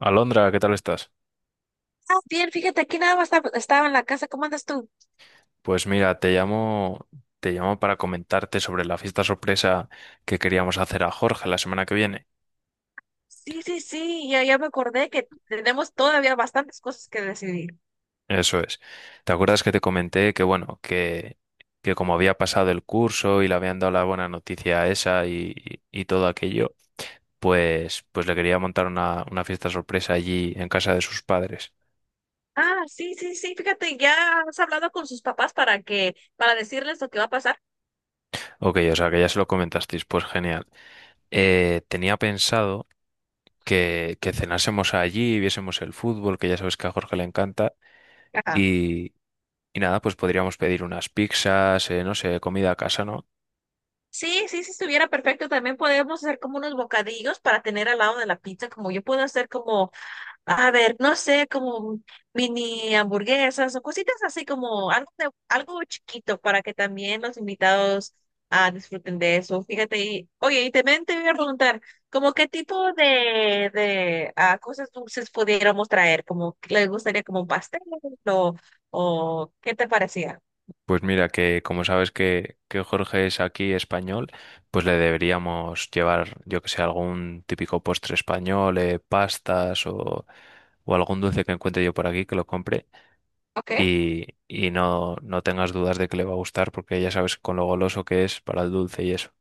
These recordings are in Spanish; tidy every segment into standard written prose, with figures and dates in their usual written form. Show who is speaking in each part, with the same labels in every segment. Speaker 1: Alondra, ¿qué tal estás?
Speaker 2: Ah, bien, fíjate, aquí nada más estaba en la casa. ¿Cómo andas tú?
Speaker 1: Pues mira, te llamo para comentarte sobre la fiesta sorpresa que queríamos hacer a Jorge la semana que viene.
Speaker 2: Sí, sí, sí, ya, ya me acordé que tenemos todavía bastantes cosas que decidir.
Speaker 1: Eso es. ¿Te acuerdas que te comenté que que, como había pasado el curso y le habían dado la buena noticia a esa y todo aquello, pues le quería montar una fiesta sorpresa allí en casa de sus padres?
Speaker 2: Ah, sí, sí, sí, fíjate, ya has hablado con sus papás para para decirles lo que va a pasar.
Speaker 1: Ok, o sea que ya se lo comentasteis, pues genial. Tenía pensado que cenásemos allí, viésemos el fútbol, que ya sabes que a Jorge le encanta.
Speaker 2: Ajá.
Speaker 1: Y, y nada, pues podríamos pedir unas pizzas, no sé, comida a casa, ¿no?
Speaker 2: Sí, sí, si estuviera perfecto, también podemos hacer como unos bocadillos para tener al lado de la pizza, como yo puedo hacer como. A ver, no sé, como mini hamburguesas o cositas así como algo chiquito para que también los invitados, disfruten de eso. Fíjate, y, oye, y también te voy a preguntar, como qué tipo de cosas dulces pudiéramos traer, como ¿qué le gustaría como un pastel o, o qué te parecía?
Speaker 1: Pues mira, que como sabes que Jorge es aquí español, pues le deberíamos llevar, yo que sé, algún típico postre español, pastas o algún dulce que encuentre yo por aquí que lo compre
Speaker 2: ¿Ok?
Speaker 1: y no tengas dudas de que le va a gustar porque ya sabes con lo goloso que es para el dulce y eso.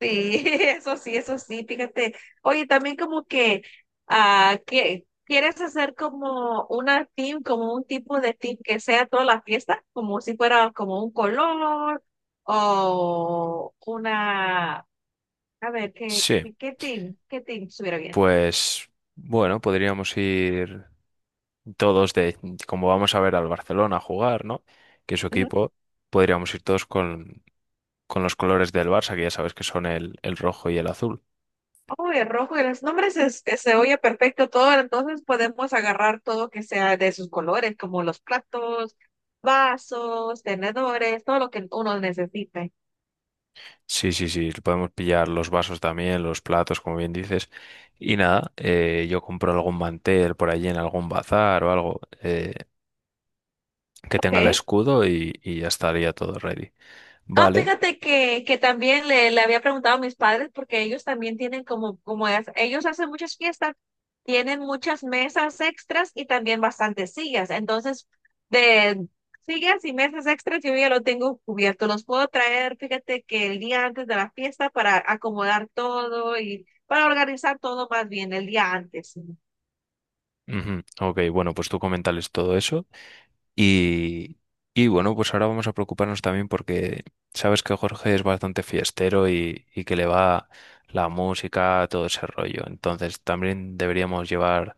Speaker 2: Sí, eso sí, fíjate. Oye, también como que, que quieres hacer como una team, como un tipo de team que sea toda la fiesta, como si fuera como un color o una, a ver, ¿qué,
Speaker 1: Sí,
Speaker 2: qué, qué team? ¿Qué team estuviera bien?
Speaker 1: pues bueno, podríamos ir todos de, como vamos a ver al Barcelona jugar, ¿no? Que es su
Speaker 2: Ujú.
Speaker 1: equipo, podríamos ir todos con los colores del Barça, que ya sabes que son el rojo y el azul.
Speaker 2: Oh, el rojo y los nombres se oye perfecto todo, entonces podemos agarrar todo que sea de sus colores, como los platos, vasos, tenedores, todo lo que uno necesite.
Speaker 1: Sí, sí, sí, podemos pillar los vasos también, los platos, como bien dices. Y nada, yo compro algún mantel por allí en algún bazar o algo, que tenga el
Speaker 2: Ok.
Speaker 1: escudo y ya estaría todo ready.
Speaker 2: Ah,
Speaker 1: Vale.
Speaker 2: fíjate que también le había preguntado a mis padres porque ellos también tienen como, ellos hacen muchas fiestas, tienen muchas mesas extras y también bastantes sillas. Entonces, de sillas y mesas extras yo ya lo tengo cubierto. Los puedo traer, fíjate que el día antes de la fiesta para acomodar todo y para organizar todo más bien el día antes.
Speaker 1: Ujú. Ok, bueno, pues tú comentales todo eso. Y, y bueno, pues ahora vamos a preocuparnos también porque sabes que Jorge es bastante fiestero y que le va la música, todo ese rollo. Entonces también deberíamos llevar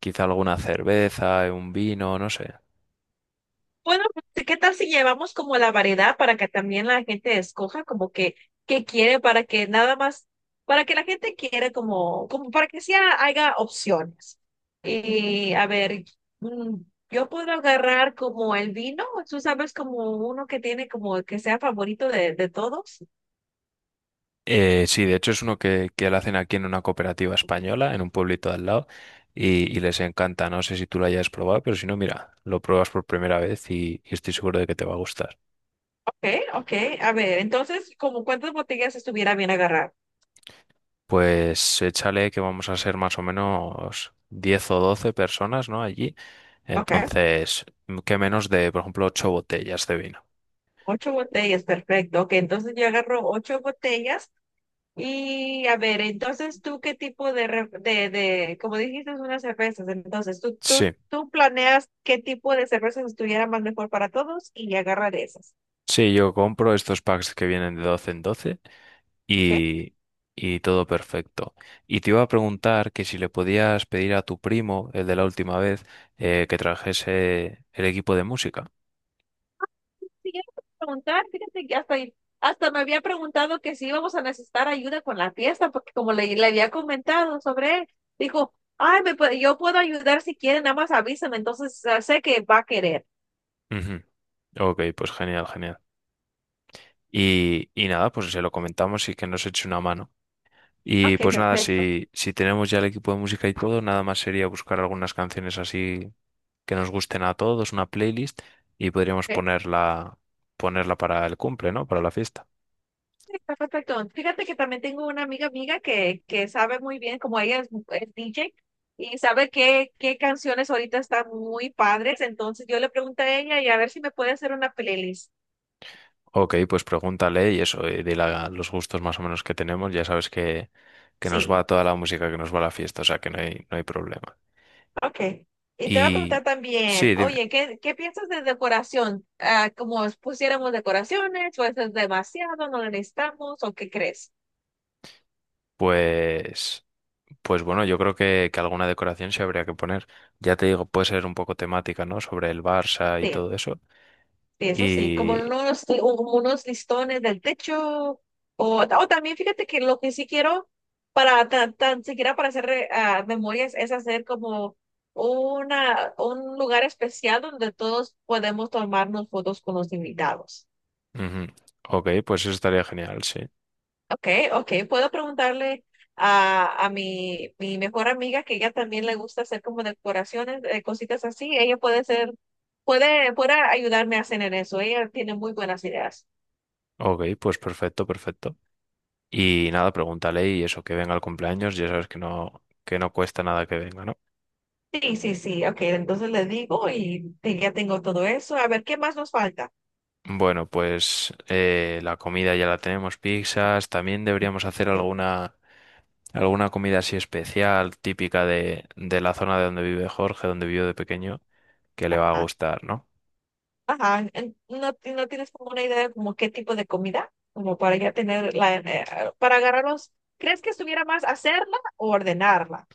Speaker 1: quizá alguna cerveza, un vino, no sé.
Speaker 2: Bueno, pues, ¿qué tal si llevamos como la variedad para que también la gente escoja como que qué quiere para que nada más, para que la gente quiera como, como para que sea haya opciones? Y a ver, mm, yo puedo agarrar como el vino, tú sabes como uno que tiene como que sea favorito de todos.
Speaker 1: Sí, de hecho es uno que lo hacen aquí en una cooperativa española, en un pueblito de al lado, y les encanta. No sé si tú lo hayas probado, pero si no, mira, lo pruebas por primera vez y estoy seguro de que te va a gustar.
Speaker 2: Ok, ok, a ver, entonces como cuántas botellas estuviera bien agarrar.
Speaker 1: Pues échale que vamos a ser más o menos 10 o 12 personas, ¿no? Allí.
Speaker 2: Ok,
Speaker 1: Entonces, ¿qué menos de, por ejemplo, 8 botellas de vino?
Speaker 2: ocho botellas, perfecto. Ok, entonces yo agarro ocho botellas. Y a ver, entonces tú qué tipo de como dijiste, unas cervezas, entonces tú, tú,
Speaker 1: Sí,
Speaker 2: tú planeas qué tipo de cervezas estuviera más mejor para todos y agarra de esas.
Speaker 1: sí, yo compro estos packs que vienen de 12 en 12.
Speaker 2: ¿Ok?
Speaker 1: Y, y todo perfecto. Y te iba a preguntar que si le podías pedir a tu primo, el de la última vez, que trajese el equipo de música.
Speaker 2: Sí, yo te iba a preguntar, fíjate que hasta me había preguntado que si íbamos a necesitar ayuda con la fiesta, porque como le había comentado sobre él, dijo, ay, yo puedo ayudar si quieren, nada más avísame, entonces sé que va a querer.
Speaker 1: Ujú. Ok, pues genial, genial. Y nada, pues se lo comentamos y que nos eche una mano. Y
Speaker 2: Ok,
Speaker 1: pues nada,
Speaker 2: perfecto.
Speaker 1: si tenemos ya el equipo de música y todo, nada más sería buscar algunas canciones así que nos gusten a todos, una playlist, y podríamos ponerla, ponerla para el cumple, ¿no? Para la fiesta.
Speaker 2: Está perfecto. Fíjate que también tengo una amiga amiga que sabe muy bien, como ella es DJ, y sabe qué, qué canciones ahorita están muy padres. Entonces yo le pregunto a ella y a ver si me puede hacer una playlist.
Speaker 1: Ok, pues pregúntale y eso, y dile a- los gustos más o menos que tenemos. Ya sabes que nos
Speaker 2: Sí,
Speaker 1: va toda la música que nos va a la fiesta, o sea que no hay, no hay problema.
Speaker 2: ok. Y te voy a preguntar
Speaker 1: Y
Speaker 2: también,
Speaker 1: sí, dime.
Speaker 2: oye, ¿qué, qué piensas de decoración? Ah, ¿como si pusiéramos decoraciones? ¿O eso es demasiado? ¿No lo necesitamos? ¿O qué crees?
Speaker 1: Pues, pues bueno, yo creo que alguna decoración se habría que poner. Ya te digo, puede ser un poco temática, ¿no? Sobre el Barça y
Speaker 2: Sí.
Speaker 1: todo eso.
Speaker 2: Eso sí,
Speaker 1: Y...
Speaker 2: como unos listones del techo. O también fíjate que lo que sí quiero, para tan siquiera para hacer memorias, es hacer como una, un lugar especial donde todos podemos tomarnos fotos con los invitados.
Speaker 1: ujú. Ok, pues eso estaría genial, sí.
Speaker 2: Ok, ok, puedo preguntarle a mi mejor amiga que ella también le gusta hacer como decoraciones, cositas así. Puede, puede ayudarme a hacer en eso. Ella tiene muy buenas ideas.
Speaker 1: Ok, pues perfecto, perfecto. Y nada, pregúntale y eso, que venga al cumpleaños, ya sabes que no cuesta nada que venga, ¿no?
Speaker 2: Sí, sí, sí, ok, entonces le digo ya tengo todo eso. A ver, ¿qué más nos falta?
Speaker 1: Bueno, pues la comida ya la tenemos, pizzas, también deberíamos hacer
Speaker 2: Sí.
Speaker 1: alguna, alguna comida así especial, típica de la zona de donde vive Jorge, donde vivió de pequeño, que le va a
Speaker 2: ah,
Speaker 1: gustar, ¿no?
Speaker 2: Ajá, ¿no, no tienes como una idea de como qué tipo de comida? Como para ya tener la, para agarrarlos. ¿Crees que estuviera más hacerla o ordenarla?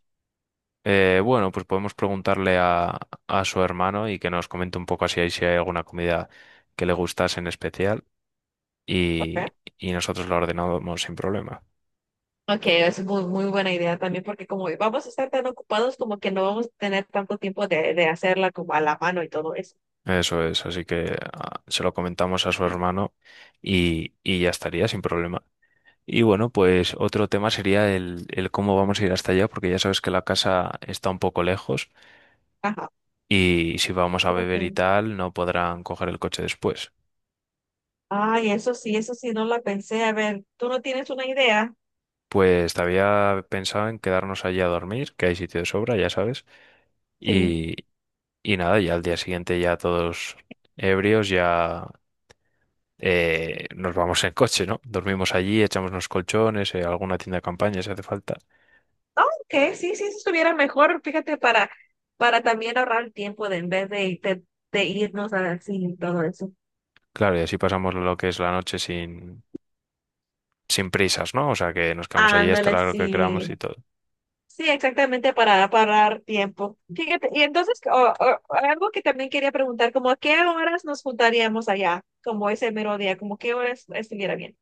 Speaker 1: Bueno, pues podemos preguntarle a su hermano y que nos comente un poco así ahí si hay alguna comida que le gustase en especial y,
Speaker 2: Okay.
Speaker 1: y nosotros la ordenamos sin problema.
Speaker 2: Ok, es muy, muy buena idea también porque como vamos a estar tan ocupados como que no vamos a tener tanto tiempo de hacerla como a la mano y todo eso.
Speaker 1: Eso es, así que ah, se lo comentamos a su hermano y ya estaría sin problema. Y bueno, pues otro tema sería el cómo vamos a ir hasta allá, porque ya sabes que la casa está un poco lejos
Speaker 2: Ajá,
Speaker 1: y si vamos a beber y
Speaker 2: fíjate.
Speaker 1: tal, no podrán coger el coche después.
Speaker 2: Ay, eso sí, no la pensé. A ver, ¿tú no tienes una idea?
Speaker 1: Pues te había pensado en quedarnos allí a dormir, que hay sitio de sobra, ya sabes.
Speaker 2: Sí.
Speaker 1: Y, y nada, ya al día siguiente ya todos ebrios, ya nos vamos en coche, ¿no? Dormimos allí, echamos unos colchones, alguna tienda de campaña si hace falta.
Speaker 2: Ok, sí, sí, eso estuviera mejor, fíjate, para también ahorrar el tiempo de en vez de, de irnos así y todo eso.
Speaker 1: Claro, y así pasamos lo que es la noche sin, sin prisas, ¿no? O sea, que nos quedamos allí hasta
Speaker 2: Ándale,
Speaker 1: la hora que queramos
Speaker 2: sí.
Speaker 1: y todo.
Speaker 2: Sí, exactamente para parar tiempo. Fíjate, y entonces algo que también quería preguntar, como a qué horas nos juntaríamos allá, como ese mero día, como qué horas estuviera bien.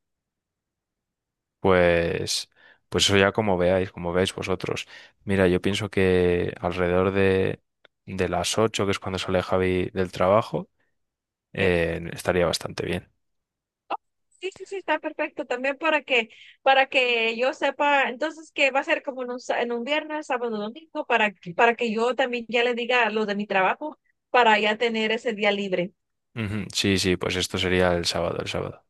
Speaker 1: Pues, pues eso ya como veáis vosotros. Mira, yo pienso que alrededor de las 8 que es cuando sale Javi del trabajo,
Speaker 2: Ok.
Speaker 1: Estaría bastante bien.
Speaker 2: Sí, sí, sí, está perfecto. También para que yo sepa, entonces que va a ser como en un, en un viernes, sábado, domingo, para, para que yo también ya le diga lo de mi trabajo, para ya tener ese día libre.
Speaker 1: Ujú. Sí, sí, pues esto sería el sábado, el sábado.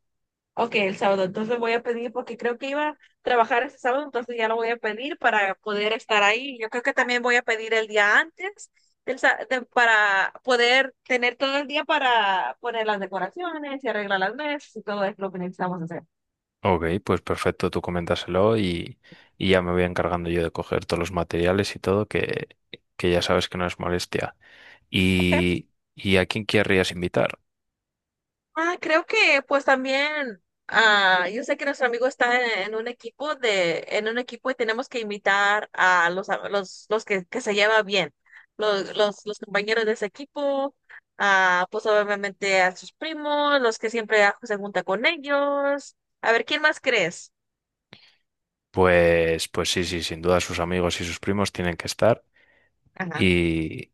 Speaker 2: Ok, el sábado. Entonces voy a pedir, porque creo que iba a trabajar ese sábado, entonces ya lo voy a pedir para poder estar ahí. Yo creo que también voy a pedir el día antes para poder tener todo el día para poner las decoraciones y arreglar las mesas y todo eso lo que necesitamos hacer.
Speaker 1: Ok, pues perfecto, tú coméntaselo y ya me voy encargando yo de coger todos los materiales y todo, que ya sabes que no es molestia.
Speaker 2: Ok.
Speaker 1: ¿Y, y a quién querrías invitar?
Speaker 2: Ah, creo que pues también, yo sé que nuestro amigo está en un equipo en un equipo y tenemos que invitar a los que se lleva bien, los compañeros de ese equipo, pues obviamente a sus primos, los que siempre se junta con ellos. A ver, ¿quién más crees?
Speaker 1: Pues sí, sí, sin duda sus amigos y sus primos tienen que estar.
Speaker 2: Ajá.
Speaker 1: Y,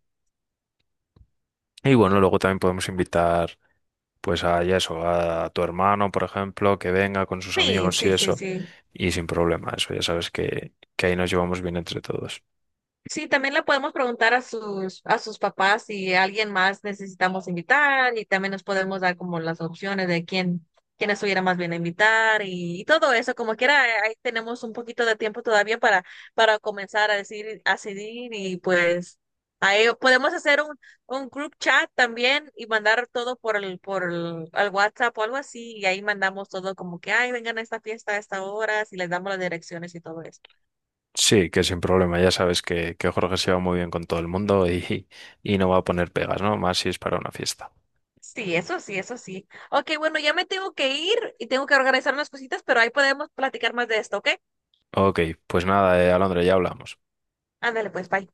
Speaker 1: y bueno, luego también podemos invitar pues a y eso, a tu hermano, por ejemplo, que venga con sus
Speaker 2: Sí,
Speaker 1: amigos y
Speaker 2: sí, sí,
Speaker 1: eso,
Speaker 2: sí.
Speaker 1: y sin problema, eso ya sabes que ahí nos llevamos bien entre todos.
Speaker 2: Sí, también le podemos preguntar a a sus papás si alguien más necesitamos invitar y también nos podemos dar como las opciones de quién, quién estuviera más bien a invitar y todo eso, como quiera, ahí tenemos un poquito de tiempo todavía para comenzar a a decidir y pues ahí podemos hacer un group chat también y mandar todo por al WhatsApp o algo así y ahí mandamos todo como que, ay, vengan a esta fiesta a esta hora, y les damos las direcciones y todo eso.
Speaker 1: Sí, que sin problema, ya sabes que Jorge se va muy bien con todo el mundo y, y no va a poner pegas, ¿no? Más si es para una fiesta.
Speaker 2: Sí, eso sí, eso sí. Ok, bueno, ya me tengo que ir y tengo que organizar unas cositas, pero ahí podemos platicar más de esto, ¿ok?
Speaker 1: Ok, pues nada, Alondra, ya hablamos.
Speaker 2: Ándale, pues, bye.